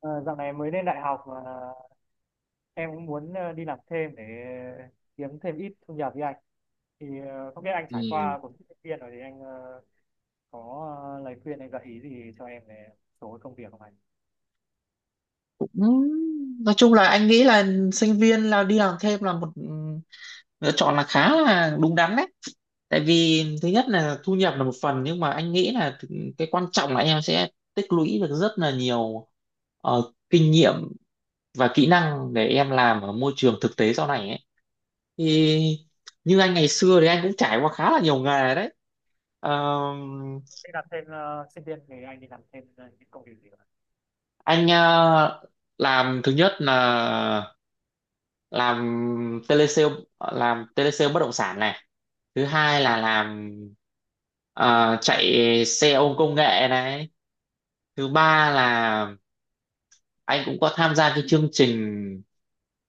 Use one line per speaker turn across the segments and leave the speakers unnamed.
Ờ, Dạo này mới lên đại học mà em cũng muốn đi làm thêm để kiếm thêm ít thu nhập với anh thì không biết anh trải
Ừ,
qua cuộc thi sinh viên rồi thì anh có lời khuyên hay gợi ý gì cho em về một số công việc không anh?
cũng nói chung là anh nghĩ là sinh viên là đi làm thêm là một lựa chọn là khá là đúng đắn đấy, tại vì thứ nhất là thu nhập là một phần, nhưng mà anh nghĩ là cái quan trọng là em sẽ tích lũy được rất là nhiều kinh nghiệm và kỹ năng để em làm ở môi trường thực tế sau này ấy. Thì như anh ngày xưa thì anh cũng trải qua khá là nhiều nghề đấy. Ờ,
Đi làm thêm sinh viên thì anh đi làm thêm những công việc gì không, anh?
anh làm thứ nhất là làm telesale, làm telesale bất động sản này. Thứ hai là làm ờ, chạy xe ôm công nghệ này. Thứ ba là anh cũng có tham gia cái chương trình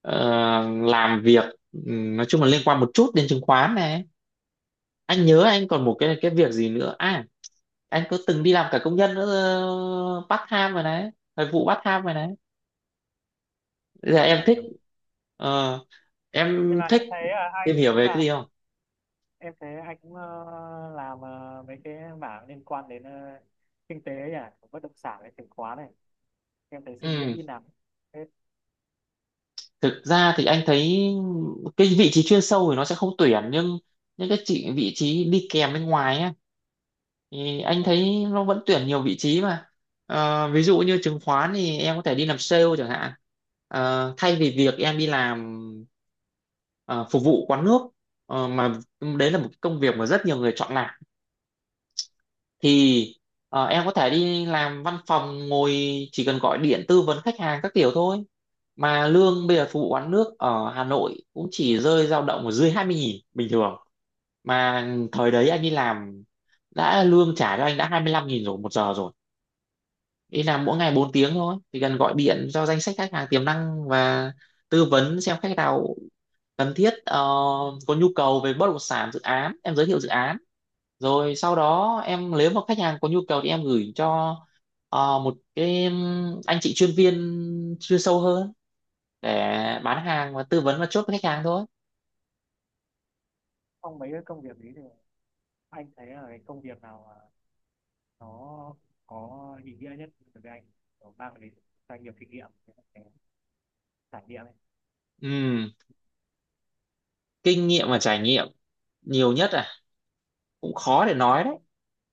ờ, làm việc nói chung là liên quan một chút đến chứng khoán này. Anh nhớ anh còn một cái việc gì nữa à, anh có từng đi làm cả công nhân nữa, ờ, part time rồi đấy, thời vụ part time rồi đấy. Bây giờ
Ra anh làm nhiều
ờ,
nhưng
em
mà
thích
em thấy anh
tìm hiểu
cũng
về cái
làm,
gì không?
em thấy anh cũng làm mấy cái mảng liên quan đến kinh tế ấy à, bất động sản này, chứng khoán này, em thấy sinh viên
ừ
ít làm. Thế
Thực ra thì anh thấy cái vị trí chuyên sâu thì nó sẽ không tuyển, nhưng những cái chị vị trí đi kèm bên ngoài á thì anh
còn
thấy nó vẫn tuyển nhiều vị trí mà. Ví dụ như chứng khoán thì em có thể đi làm sale chẳng hạn. Thay vì việc em đi làm ờ, phục vụ quán nước mà đấy là một cái công việc mà rất nhiều người chọn làm, thì em có thể đi làm văn phòng ngồi, chỉ cần gọi điện tư vấn khách hàng các kiểu thôi. Mà lương bây giờ phục vụ quán nước ở Hà Nội cũng chỉ rơi, dao động ở dưới 20 nghìn bình thường, mà thời đấy anh đi làm đã lương trả cho anh đã 25 nghìn rồi 1 giờ rồi, đi làm mỗi ngày 4 tiếng thôi, thì cần gọi điện cho danh sách khách hàng tiềm năng và tư vấn xem khách nào cần thiết, có nhu cầu về bất động sản dự án em giới thiệu dự án, rồi sau đó em nếu mà khách hàng có nhu cầu thì em gửi cho một cái anh chị chuyên viên chuyên sâu hơn để bán hàng và tư vấn và chốt với khách hàng thôi.
trong mấy cái công việc ấy thì anh thấy là cái công việc nào mà nó có ý nghĩa nhất đối với anh, kiểu mang đến cho anh nhiều kinh nghiệm, cái trải nghiệm ấy.
Ừm, Kinh nghiệm và trải nghiệm nhiều nhất à? Cũng khó để nói đấy,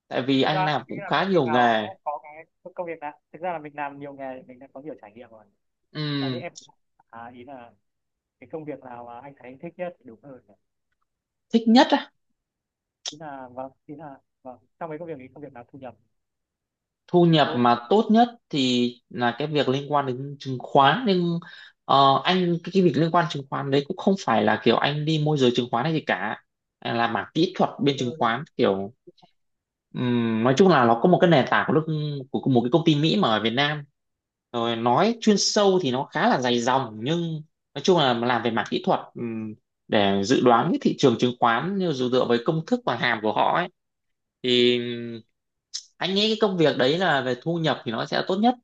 tại vì
Thực ra
anh làm
anh nghĩ
cũng
là
khá
công việc
nhiều
nào nó
nghề.
cũng có cái, công việc nào thực ra là mình làm nhiều nghề thì mình đã có nhiều trải nghiệm rồi, là như
Ừm,
em. À, ý là cái công việc nào mà anh thấy anh thích nhất thì đúng hơn nhỉ?
Thích nhất á.
Ý là vâng, trong mấy công việc thì công việc nào thu nhập
Thu nhập
tốt.
mà tốt nhất thì là cái việc liên quan đến chứng khoán, nhưng ờ, anh cái việc liên quan chứng khoán đấy cũng không phải là kiểu anh đi môi giới chứng khoán hay gì cả. Anh là mảng kỹ thuật
Thứ
bên
tư
chứng
luôn.
khoán kiểu nói chung là nó có một cái nền tảng của nước, của một cái công ty Mỹ mà ở Việt Nam, rồi nói chuyên sâu thì nó khá là dày dòng, nhưng nói chung là làm về mảng kỹ thuật để dự đoán cái thị trường chứng khoán như dựa dựa với công thức và hàm của họ ấy. Thì anh nghĩ cái công việc đấy là về thu nhập thì nó sẽ tốt nhất.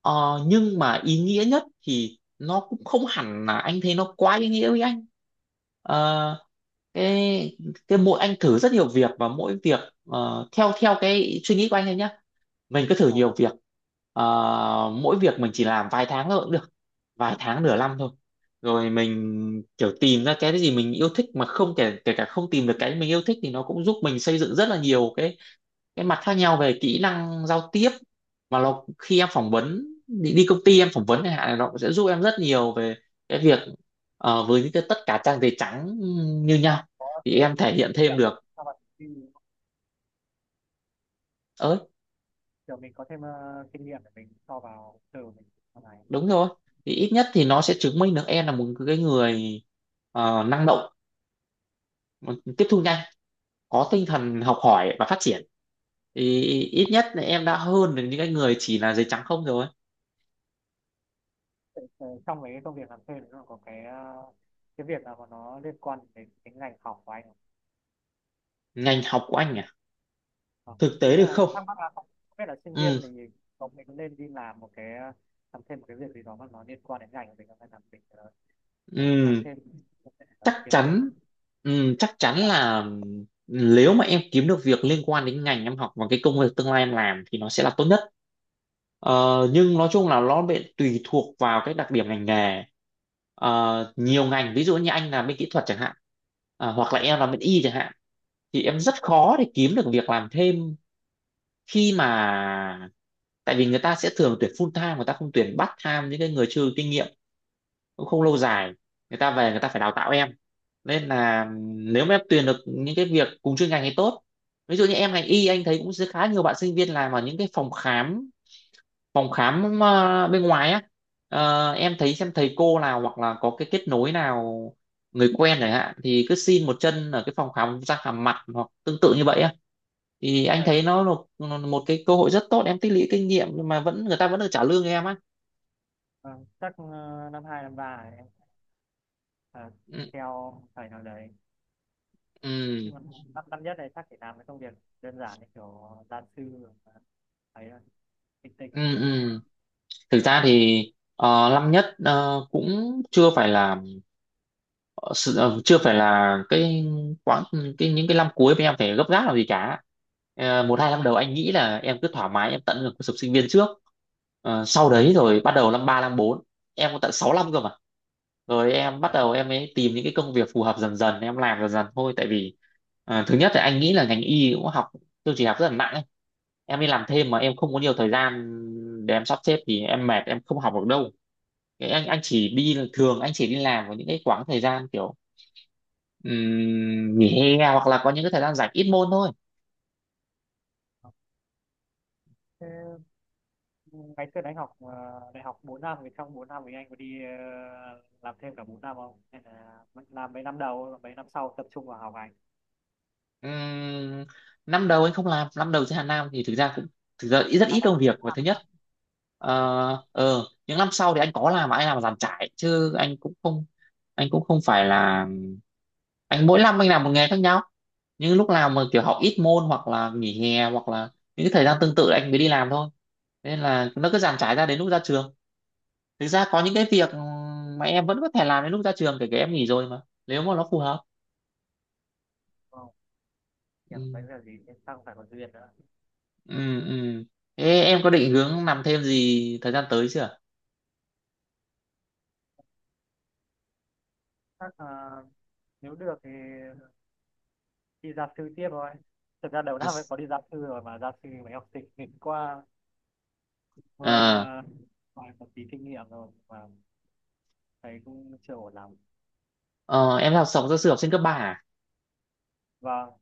Nhưng mà ý nghĩa nhất thì nó cũng không hẳn là anh thấy nó quá ý nghĩa với anh. Ờ, cái cái mỗi anh thử rất nhiều việc, và mỗi việc, theo theo cái suy nghĩ của anh thôi nhé, mình cứ thử
À,
nhiều việc. Ờ, Mỗi việc mình chỉ làm vài tháng thôi cũng được, vài tháng nửa năm thôi, rồi mình kiểu tìm ra cái gì mình yêu thích, mà không kể kể cả không tìm được cái mình yêu thích thì nó cũng giúp mình xây dựng rất là nhiều cái mặt khác nhau về kỹ năng giao tiếp. Mà nó khi em phỏng vấn, đi công ty em phỏng vấn chẳng hạn, nó cũng sẽ giúp em rất nhiều về cái việc với những cái tất cả trang giấy trắng như nhau
có
thì
thêm
em
kinh
thể hiện thêm
nghiệm
được.
sau này thì
Ơi,
kiểu mình có thêm kinh nghiệm để mình so vào từ mình sau này.
đúng rồi, thì ít nhất thì nó sẽ chứng minh được em là một cái người năng động, tiếp thu nhanh, có tinh thần học hỏi và phát triển. Thì ít nhất là em đã hơn được những cái người chỉ là giấy trắng không rồi.
Trong mấy cái công việc làm thêm thì nó có cái cái việc nào mà nó liên quan đến cái ngành học của anh không?
Ngành học của anh à?
Ờ,
Thực
ý
tế được
là
không.
thắc mắc là không biết là sinh viên thì
Ừ,
có mình có nên đi làm một cái làm thêm một cái việc gì đó mà nó liên quan đến ngành của mình không, hay là mình kiểu làm
ừ,
thêm
chắc
kiếm thêm một
chắn. Chắc chắn
chút.
là nếu mà em kiếm được việc liên quan đến ngành em học và cái công việc tương lai em làm thì nó sẽ là tốt nhất. Ờ, nhưng nói chung là nó bị tùy thuộc vào cái đặc điểm ngành nghề. Nhiều ngành, ví dụ như anh làm bên kỹ thuật chẳng hạn, hoặc là
Uh,
em làm bên y chẳng hạn, thì em rất khó để kiếm được việc làm thêm khi mà, tại vì người ta sẽ thường tuyển full time, người ta không tuyển part time những cái người chưa kinh nghiệm, cũng không lâu dài, người ta về người ta phải đào tạo em. Nên là nếu mà em tuyển được những cái việc cùng chuyên ngành thì tốt. Ví dụ như em ngành y, anh thấy cũng rất khá nhiều bạn sinh viên làm ở những cái phòng khám bên ngoài á. Em thấy xem thầy cô nào hoặc là có cái kết nối nào người quen chẳng hạn, thì cứ xin một chân ở cái phòng khám răng hàm mặt hoặc tương tự như vậy á, thì anh
vậy
thấy
không?
nó là một một cái cơ hội rất tốt em tích lũy kinh nghiệm, nhưng mà vẫn người ta vẫn được trả lương cho em á.
Ờ, chắc năm 2 năm 3 này, em ờ,
Ừ,
theo thầy nào đấy,
ừ,
nhưng mà năm năm nhất này chắc chỉ làm cái công việc đơn giản như kiểu gia sư rồi, ấy là tinh tinh
ừ, ừ. Thực ra thì năm nhất cũng chưa phải là, chưa phải là quãng cái những cái năm cuối mà em phải gấp gáp làm gì cả. Một hai năm đầu anh nghĩ là em cứ thoải mái, em tận hưởng cuộc sống sinh viên trước. Sau
bên
đấy
em.
rồi bắt đầu năm ba năm bốn, em có tận 6 năm cơ mà, rồi em bắt
Vâng.
đầu em mới tìm những cái công việc phù hợp dần dần, em làm dần dần thôi. Tại vì thứ nhất là anh nghĩ là ngành y cũng học, tôi chỉ học rất là nặng ấy. Em đi làm thêm mà em không có nhiều thời gian để em sắp xếp thì em mệt, em không học được đâu. Cái anh chỉ đi, thường anh chỉ đi làm vào những cái quãng thời gian kiểu nghỉ hè hoặc là có những cái thời gian rảnh ít môn thôi.
Thế ngày xưa anh học đại học 4 năm thì trong 4 năm thì anh có đi làm thêm cả 4 năm không hay là làm mấy năm đầu mấy năm sau tập trung vào học hành?
Ừm, Năm đầu anh không làm, năm đầu trên Hà Nam thì thực ra cũng, thực ra rất
À,
ít
bắt
công
đầu
việc. Và
qua
thứ nhất,
năm 3 thì
những năm sau thì anh có làm, mà anh làm giàn trải chứ anh cũng không phải là, anh mỗi năm anh làm một nghề khác nhau, nhưng lúc nào mà kiểu học ít môn, hoặc là nghỉ hè, hoặc là những cái thời gian tương tự anh mới đi làm thôi. Nên là nó cứ dàn trải ra đến lúc ra trường. Thực ra có những cái việc mà em vẫn có thể làm đến lúc ra trường, kể cả em nghỉ rồi mà, nếu mà nó phù hợp.
không hiểu
Ừ,
đấy là gì nên tăng phải có duyên nữa.
ừ. Ừ. Thế em có định hướng làm thêm gì thời gian tới chưa?
Chắc là nếu được thì đi gia sư tiếp thôi. Thực ra đầu năm em có đi gia sư rồi mà gia sư mấy học sinh nghịch, qua
À,
qua vài một tí kinh nghiệm rồi mà thấy cũng chưa ổn lắm.
ờ, em học sống gia sư học sinh cấp 3 à?
Vâng,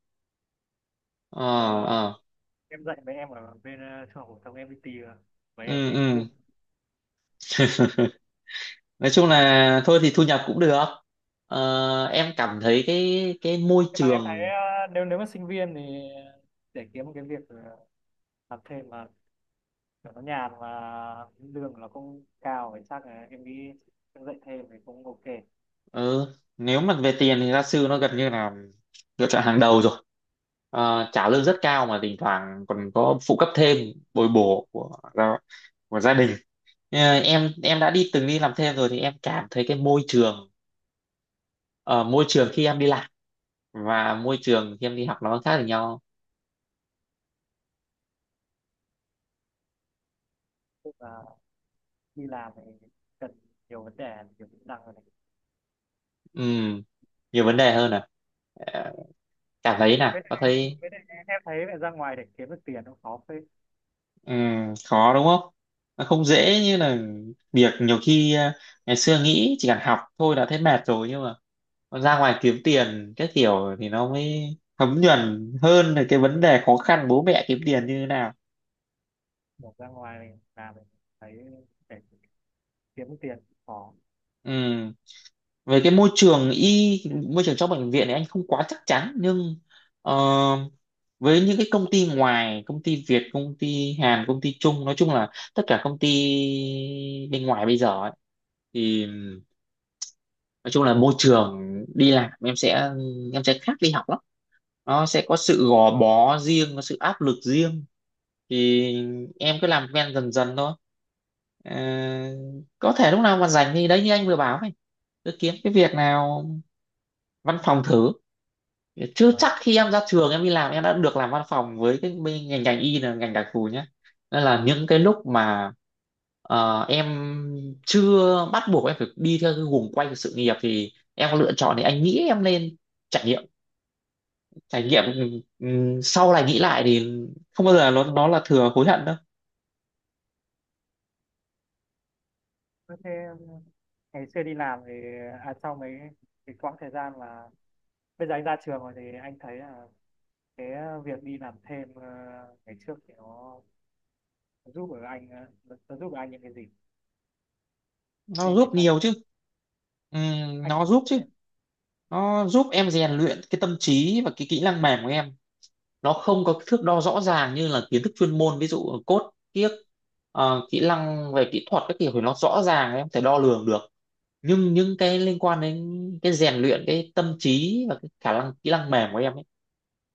Ờ,
ờ,
ờ,
em dạy mấy em ở bên trung học phổ thông, em đi tìm mấy
ừ,
em nghịch kia.
ừ. Nói chung là thôi thì thu nhập cũng được. Ờ, em cảm thấy cái môi
Nhưng mà em thấy
trường
nếu nếu mà sinh viên thì để kiếm một cái việc làm thêm mà kiểu nó nhàn và lương nó cũng cao thì chắc là em nghĩ em dạy thêm thì cũng ok.
ờ, nếu mà về tiền thì gia sư nó gần như là lựa chọn hàng đầu rồi. Ờ, trả lương rất cao mà thỉnh thoảng còn có phụ cấp thêm, bồi bổ của gia đình. Ờ, em đã đi, từng đi làm thêm rồi thì em cảm thấy cái môi trường ờ, môi trường khi em đi làm và môi trường khi em đi học nó khác với nhau.
Tức là đi làm thì cần nhiều vấn đề, nhiều kỹ năng rồi này.
Ừm, Nhiều vấn đề hơn à? Ờ, Cảm thấy
với
là
lại,
có thấy
với lại em thấy là ra ngoài để kiếm được tiền nó khó phết.
khó đúng không, nó không dễ như là việc, nhiều khi ngày xưa nghĩ chỉ cần học thôi đã thấy mệt rồi, nhưng mà ra ngoài kiếm tiền cái kiểu thì nó mới thấm nhuần hơn là cái vấn đề khó khăn bố mẹ kiếm tiền như thế nào.
Kiểu ra ngoài làm thì thấy để kiếm được tiền khó.
Ừ, về cái môi trường y, môi trường trong bệnh viện thì anh không quá chắc chắn, nhưng ờ, với những cái công ty ngoài, công ty Việt, công ty Hàn, công ty Trung, nói chung là tất cả công ty bên ngoài bây giờ ấy, thì nói chung là môi trường đi làm em sẽ khác đi học lắm. Nó sẽ có sự gò bó riêng, có sự áp lực riêng. Thì em cứ làm quen dần dần thôi. Ờ, có thể lúc nào mà rảnh thì đấy, như anh vừa bảo này, cứ kiếm cái việc nào văn phòng thử, chứ
Ờ,
chắc khi em ra trường em đi làm em đã được làm văn phòng, với cái bên ngành ngành y là ngành đặc thù nhé. Nên là những cái lúc mà em chưa bắt buộc em phải đi theo cái guồng quay của sự nghiệp, thì em có lựa chọn thì anh nghĩ em nên trải nghiệm, trải nghiệm. Sau này nghĩ lại thì không bao giờ nó là thừa, hối hận đâu.
thế thế ngày xưa đi làm thì à, sau mấy cái quãng thời gian mà bây giờ anh ra trường rồi thì anh thấy là cái việc đi làm thêm ngày trước thì nó giúp ở anh nó giúp được anh những cái gì
Nó
thêm
giúp
về cho anh
nhiều chứ.
anh
Nó
cũng
giúp
biết
chứ,
là
nó giúp em rèn luyện cái tâm trí và cái kỹ năng mềm của em. Nó không có thước đo rõ ràng như là kiến thức chuyên môn, ví dụ code kiếc, kỹ năng về kỹ thuật các kiểu thì nó rõ ràng em có thể đo lường được, nhưng những cái liên quan đến cái rèn luyện cái tâm trí và cái khả năng kỹ năng mềm của em ấy,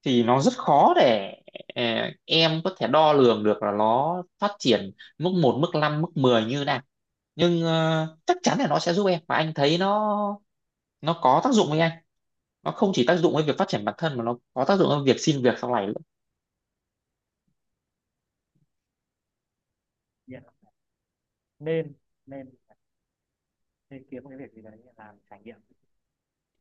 thì nó rất khó để ờ, em có thể đo lường được là nó phát triển mức một mức 5 mức 10 như thế nào. Nhưng chắc chắn là nó sẽ giúp em, và anh thấy nó có tác dụng với anh. Nó không chỉ tác dụng với việc phát triển bản thân, mà nó có tác dụng với việc xin việc sau này.
nghiện. Nên nên nên kiếm một cái việc gì đấy làm trải nghiệm.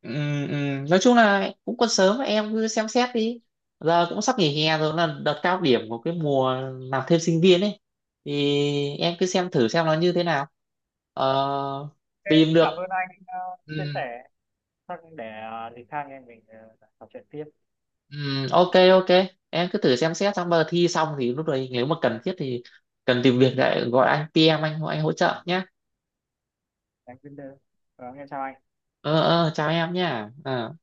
Ừ, ừ. Nói chung là cũng còn sớm, em cứ xem xét đi, giờ cũng sắp nghỉ hè rồi, là đợt cao điểm của cái mùa làm thêm sinh viên ấy, thì em cứ xem thử xem nó như thế nào. ờ,
Ok,
Tìm
cũng
được.
cảm ơn anh
Ừ,
chia sẻ. Chắc để thì khác anh em mình trò chuyện tiếp.
ừ, ok ok, em cứ thử xem xét, xong bây giờ thi xong thì lúc đấy nếu mà cần thiết thì cần tìm việc lại gọi anh, PM anh hỗ trợ nhé.
Anh Winder, vâng, em chào anh.
Ờ Chào em nhé. Ờ.